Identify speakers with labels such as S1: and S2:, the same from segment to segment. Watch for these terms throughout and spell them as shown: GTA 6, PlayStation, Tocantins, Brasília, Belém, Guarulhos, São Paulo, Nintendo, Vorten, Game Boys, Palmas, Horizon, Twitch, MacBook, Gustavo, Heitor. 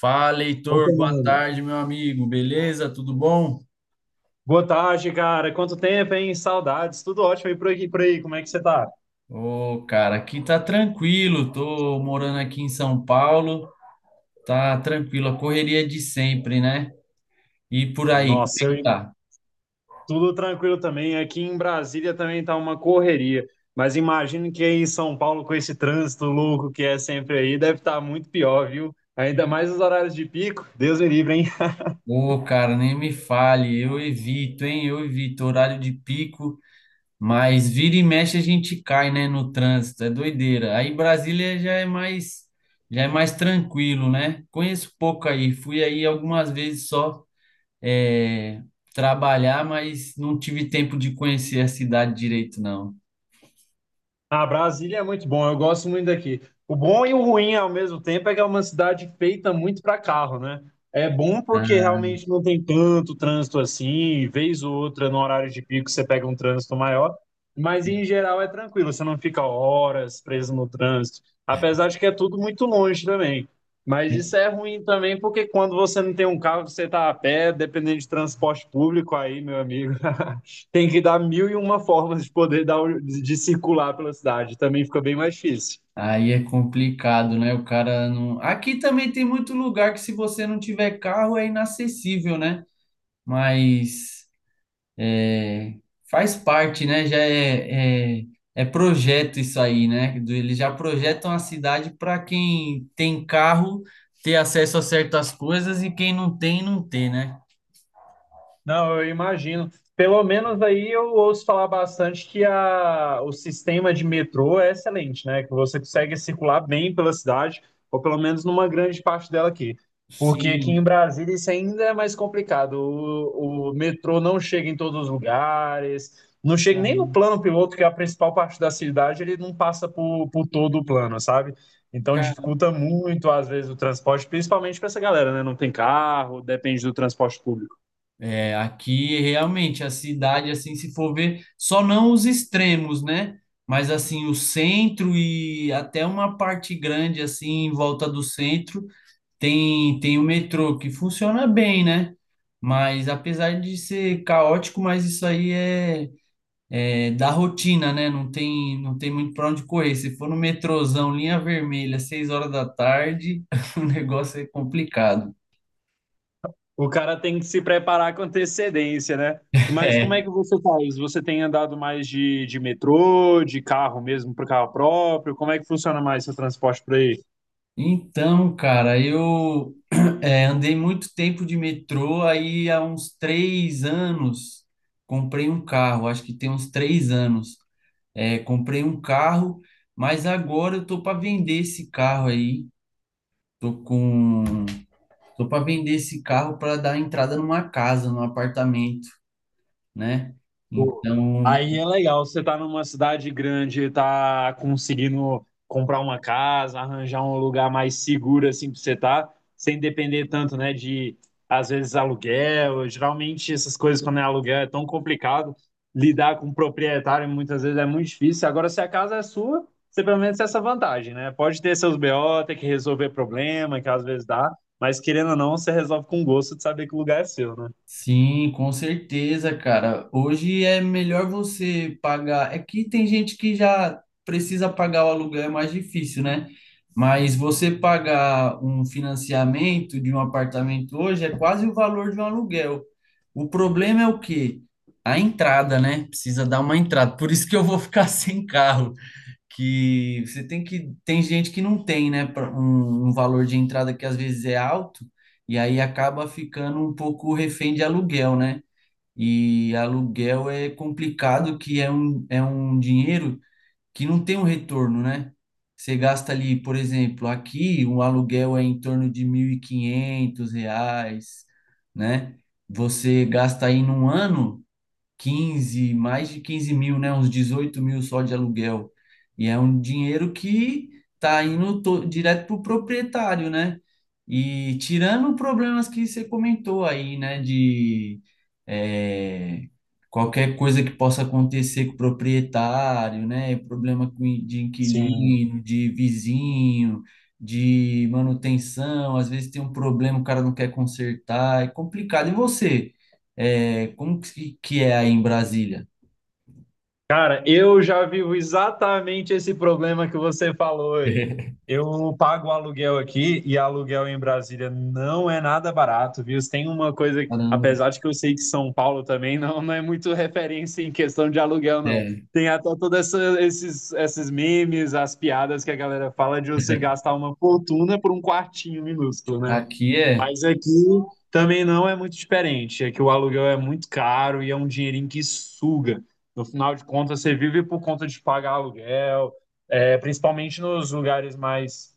S1: Fala,
S2: Boa
S1: Heitor, boa
S2: tarde.
S1: tarde, meu amigo. Beleza? Tudo bom?
S2: Boa tarde, cara. Quanto tempo, hein? Saudades. Tudo ótimo aí por aqui, por aí. Como é que você tá?
S1: Ô, cara, aqui tá tranquilo. Tô morando aqui em São Paulo. Tá tranquilo, a correria de sempre, né? E por aí, como é
S2: Nossa,
S1: que tá?
S2: tudo tranquilo também. Aqui em Brasília também tá uma correria. Mas imagino que aí em São Paulo, com esse trânsito louco que é sempre aí, deve estar muito pior, viu? Ainda mais nos horários de pico. Deus me livre, hein?
S1: Ô, cara, nem me fale. Eu evito, hein? Eu evito horário de pico, mas vira e mexe a gente cai, né, no trânsito. É doideira. Aí Brasília já é mais tranquilo, né? Conheço pouco aí. Fui aí algumas vezes só. É, trabalhar, mas não tive tempo de conhecer a cidade direito, não.
S2: Ah, Brasília é muito bom, eu gosto muito daqui. O bom e o ruim ao mesmo tempo é que é uma cidade feita muito para carro, né? É bom porque
S1: Ah,
S2: realmente não tem tanto trânsito assim, vez ou outra no horário de pico você pega um trânsito maior, mas em geral é tranquilo, você não fica horas preso no trânsito, apesar de que é tudo muito longe também. Mas isso é ruim também porque quando você não tem um carro, você tá a pé, dependendo de transporte público aí, meu amigo. Tem que dar mil e uma formas de poder dar, um, de circular pela cidade. Também fica bem mais difícil.
S1: aí é complicado, né? O cara não. Aqui também tem muito lugar que, se você não tiver carro, é inacessível, né? Mas é, faz parte, né? É projeto isso aí, né? Eles já projetam a cidade para quem tem carro ter acesso a certas coisas e quem não tem, não ter, né?
S2: Não, eu imagino. Pelo menos aí eu ouço falar bastante que o sistema de metrô é excelente, né? Que você consegue circular bem pela cidade, ou pelo menos numa grande parte dela aqui. Porque aqui em
S1: Sim,
S2: Brasília isso ainda é mais complicado. O metrô não chega em todos os lugares, não chega nem no plano piloto, que é a principal parte da cidade, ele não passa por todo o plano, sabe? Então
S1: caramba.
S2: dificulta muito, às vezes, o transporte, principalmente para essa galera, né? Não tem carro, depende do transporte público.
S1: É, aqui realmente a cidade, assim, se for ver, só não os extremos, né? Mas assim, o centro e até uma parte grande, assim, em volta do centro, tem o metrô que funciona bem, né? Mas apesar de ser caótico, mas isso aí é, é da rotina, né? Não tem muito para onde correr. Se for no metrôzão, linha vermelha, seis horas da tarde, o negócio é complicado.
S2: O cara tem que se preparar com antecedência, né? Mas como é que
S1: É.
S2: você faz? Você tem andado mais de metrô, de carro mesmo, para carro próprio? Como é que funciona mais seu transporte por aí?
S1: Então, cara, eu andei muito tempo de metrô, aí há uns 3 anos comprei um carro, acho que tem uns 3 anos. Comprei um carro, mas agora eu tô para vender esse carro aí. Tô com, tô para vender esse carro para dar entrada numa casa, num apartamento, né?
S2: Pô,
S1: Então,
S2: aí é legal, você tá numa cidade grande, tá conseguindo comprar uma casa, arranjar um lugar mais seguro assim pra você tá, sem depender tanto, né, de às vezes aluguel. Geralmente essas coisas quando é aluguel é tão complicado lidar com o proprietário, muitas vezes é muito difícil. Agora se a casa é sua, você pelo menos tem essa vantagem, né? Pode ter seus BO, ter que resolver problema, que às vezes dá, mas querendo ou não, você resolve com gosto de saber que o lugar é seu, né?
S1: sim, com certeza, cara. Hoje é melhor você pagar. É que tem gente que já precisa pagar o aluguel, é mais difícil, né? Mas você pagar um financiamento de um apartamento hoje é quase o valor de um aluguel. O problema é o quê? A entrada, né? Precisa dar uma entrada. Por isso que eu vou ficar sem carro que você tem que tem gente que não tem, né, um, um valor de entrada que às vezes é alto e aí acaba ficando um pouco refém de aluguel, né? E aluguel é complicado que é um dinheiro que não tem um retorno, né? Você gasta ali, por exemplo, aqui um aluguel é em torno de R$ 1.500, né? Você gasta aí num ano 15 mais de 15 mil, né? Uns 18 mil só de aluguel. E é um dinheiro que direto para o proprietário, né? E tirando problemas que você comentou aí, né? De é, qualquer coisa que possa acontecer com o proprietário, né? Problema de
S2: Sim.
S1: inquilino, de vizinho, de manutenção. Às vezes tem um problema, o cara não quer consertar, é complicado. E você? É, que é aí em Brasília?
S2: Cara, eu já vivo exatamente esse problema que você falou aí. Eu pago aluguel aqui e aluguel em Brasília não é nada barato, viu? Tem uma coisa,
S1: Caramba.
S2: apesar de que eu sei que São Paulo também não é muito referência em questão de aluguel, não.
S1: É.
S2: Tem até todos esses memes, as piadas que a galera fala de você gastar uma fortuna por um quartinho minúsculo, né?
S1: Aqui é,
S2: Mas aqui também não é muito diferente. É que o aluguel é muito caro e é um dinheirinho que suga. No final de contas, você vive por conta de pagar aluguel, é, principalmente nos lugares mais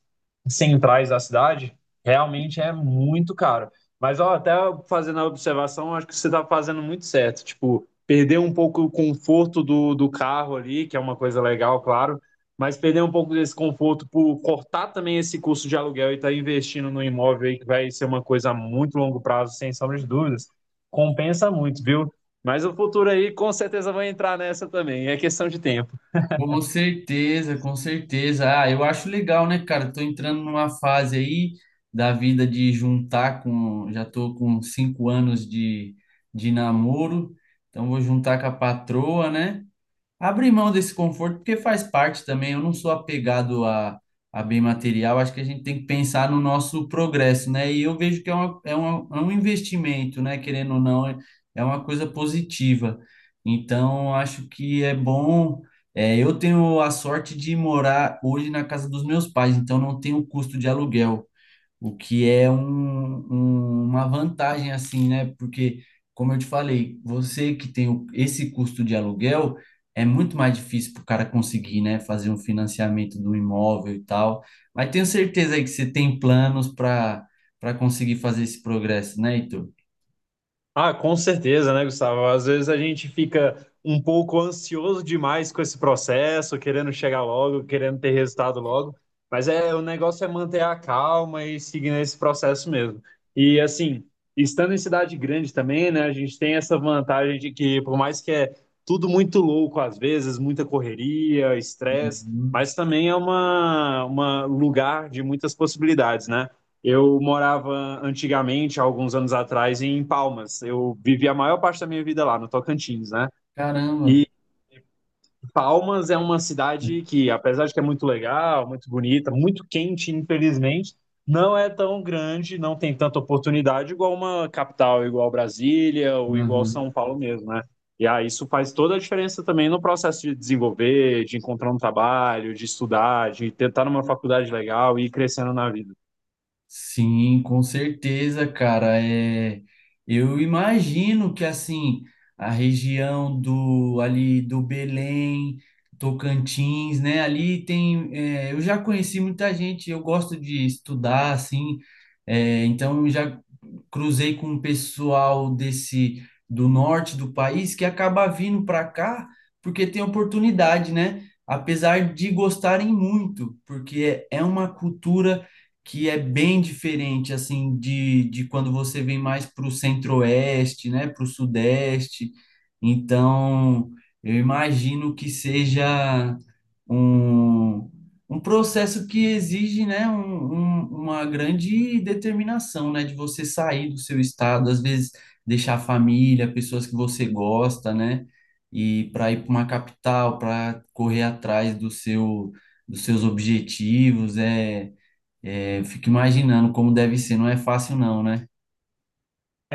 S2: centrais da cidade, realmente é muito caro. Mas ó, até fazendo a observação, acho que você está fazendo muito certo. Tipo, perder um pouco o conforto do, do carro ali, que é uma coisa legal, claro, mas perder um pouco desse conforto por cortar também esse custo de aluguel e estar tá investindo no imóvel aí, que vai ser uma coisa a muito longo prazo, sem sombra de dúvidas, compensa muito, viu? Mas o futuro aí com certeza vai entrar nessa também, é questão de tempo.
S1: com certeza, com certeza. Ah, eu acho legal, né, cara? Tô entrando numa fase aí da vida de juntar com, já tô com 5 anos de namoro, então vou juntar com a patroa, né? Abrir mão desse conforto, porque faz parte também. Eu não sou apegado a bem material, acho que a gente tem que pensar no nosso progresso, né? E eu vejo que é um investimento, né? Querendo ou não, é, é uma coisa positiva. Então, acho que é bom. É, eu tenho a sorte de morar hoje na casa dos meus pais, então não tenho custo de aluguel. O que é uma vantagem, assim, né? Porque, como eu te falei, você que tem esse custo de aluguel, é muito mais difícil para o cara conseguir, né? Fazer um financiamento do imóvel e tal. Mas tenho certeza aí que você tem planos para conseguir fazer esse progresso, né, Heitor?
S2: Ah, com certeza, né, Gustavo? Às vezes a gente fica um pouco ansioso demais com esse processo, querendo chegar logo, querendo ter resultado logo, mas é o negócio é manter a calma e seguir nesse processo mesmo. E assim, estando em cidade grande também, né, a gente tem essa vantagem de que por mais que é tudo muito louco às vezes, muita correria, estresse,
S1: Uhum.
S2: mas também é uma lugar de muitas possibilidades, né? Eu morava antigamente, há alguns anos atrás, em Palmas. Eu vivi a maior parte da minha vida lá, no Tocantins, né?
S1: Caramba!
S2: E Palmas é uma cidade que, apesar de que é muito legal, muito bonita, muito quente, infelizmente, não é tão grande, não tem tanta oportunidade igual uma capital, igual Brasília ou igual São Paulo mesmo, né? E aí isso faz toda a diferença também no processo de desenvolver, de encontrar um trabalho, de estudar, de tentar numa faculdade legal e ir crescendo na vida.
S1: Sim, com certeza, cara. É, eu imagino que assim a região do ali do Belém, Tocantins, né? Ali tem, é, eu já conheci muita gente. Eu gosto de estudar, assim. É, então já cruzei com um pessoal desse do norte do país que acaba vindo para cá porque tem oportunidade, né? Apesar de gostarem muito, porque é uma cultura que é bem diferente assim de quando você vem mais para o centro-oeste, né? Para o sudeste. Então, eu imagino que seja um, processo que exige, né, uma grande determinação, né, de você sair do seu estado, às vezes deixar a família, pessoas que você gosta, né, e para ir para uma capital, para correr atrás do dos seus objetivos, é, fico imaginando como deve ser, não é fácil não, né?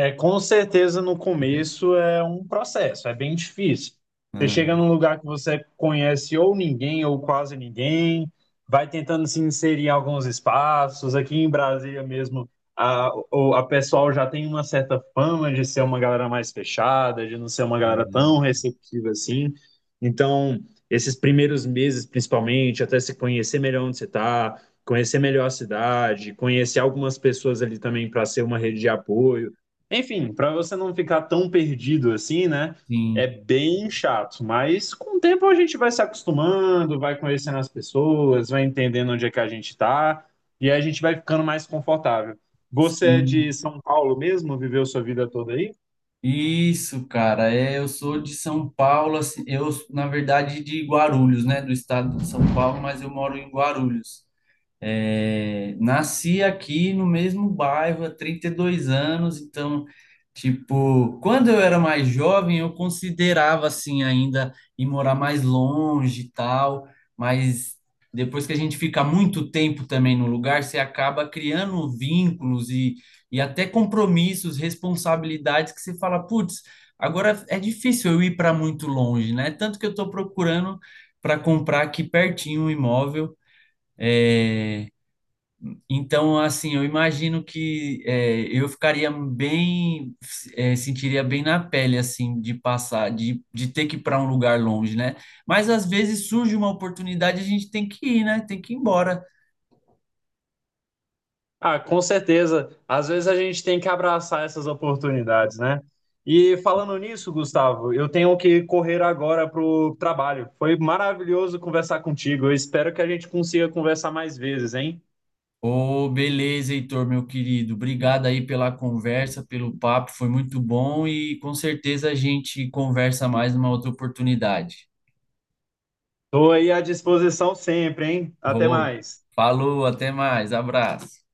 S2: É, com certeza no começo é um processo, é bem difícil. Você chega
S1: Ah,
S2: num lugar que você conhece ou ninguém ou quase ninguém, vai tentando se inserir em alguns espaços. Aqui em Brasília mesmo, a pessoal já tem uma certa fama de ser uma galera mais fechada, de não ser uma galera tão
S1: ah,
S2: receptiva assim. Então, esses primeiros meses, principalmente, até se conhecer melhor onde você está, conhecer melhor a cidade, conhecer algumas pessoas ali também para ser uma rede de apoio. Enfim, para você não ficar tão perdido assim, né? É
S1: sim,
S2: bem chato, mas com o tempo a gente vai se acostumando, vai conhecendo as pessoas, vai entendendo onde é que a gente está e aí a gente vai ficando mais confortável. Você é de
S1: sim.
S2: São Paulo mesmo? Viveu sua vida toda aí?
S1: Isso, cara, é, eu sou de São Paulo, assim, eu, na verdade, de Guarulhos, né, do estado de São Paulo, mas eu moro em Guarulhos. É, nasci aqui no mesmo bairro há 32 anos, então, tipo, quando eu era mais jovem, eu considerava assim ainda ir morar mais longe e tal, mas depois que a gente fica muito tempo também no lugar, você acaba criando vínculos e até compromissos, responsabilidades que você fala, putz, agora é difícil eu ir para muito longe, né? Tanto que eu estou procurando para comprar aqui pertinho um imóvel, então, assim, eu imagino que é, eu ficaria bem, é, sentiria bem na pele, assim, de passar, de ter que ir para um lugar longe, né? Mas às vezes surge uma oportunidade, a gente tem que ir, né? Tem que ir embora.
S2: Ah, com certeza. Às vezes a gente tem que abraçar essas oportunidades, né? E falando nisso, Gustavo, eu tenho que correr agora pro trabalho. Foi maravilhoso conversar contigo. Eu espero que a gente consiga conversar mais vezes, hein?
S1: Ô, beleza, Heitor, meu querido. Obrigado aí pela conversa, pelo papo, foi muito bom e com certeza a gente conversa mais numa outra oportunidade.
S2: Estou aí à disposição sempre, hein? Até
S1: Ô,
S2: mais.
S1: falou, até mais, abraço.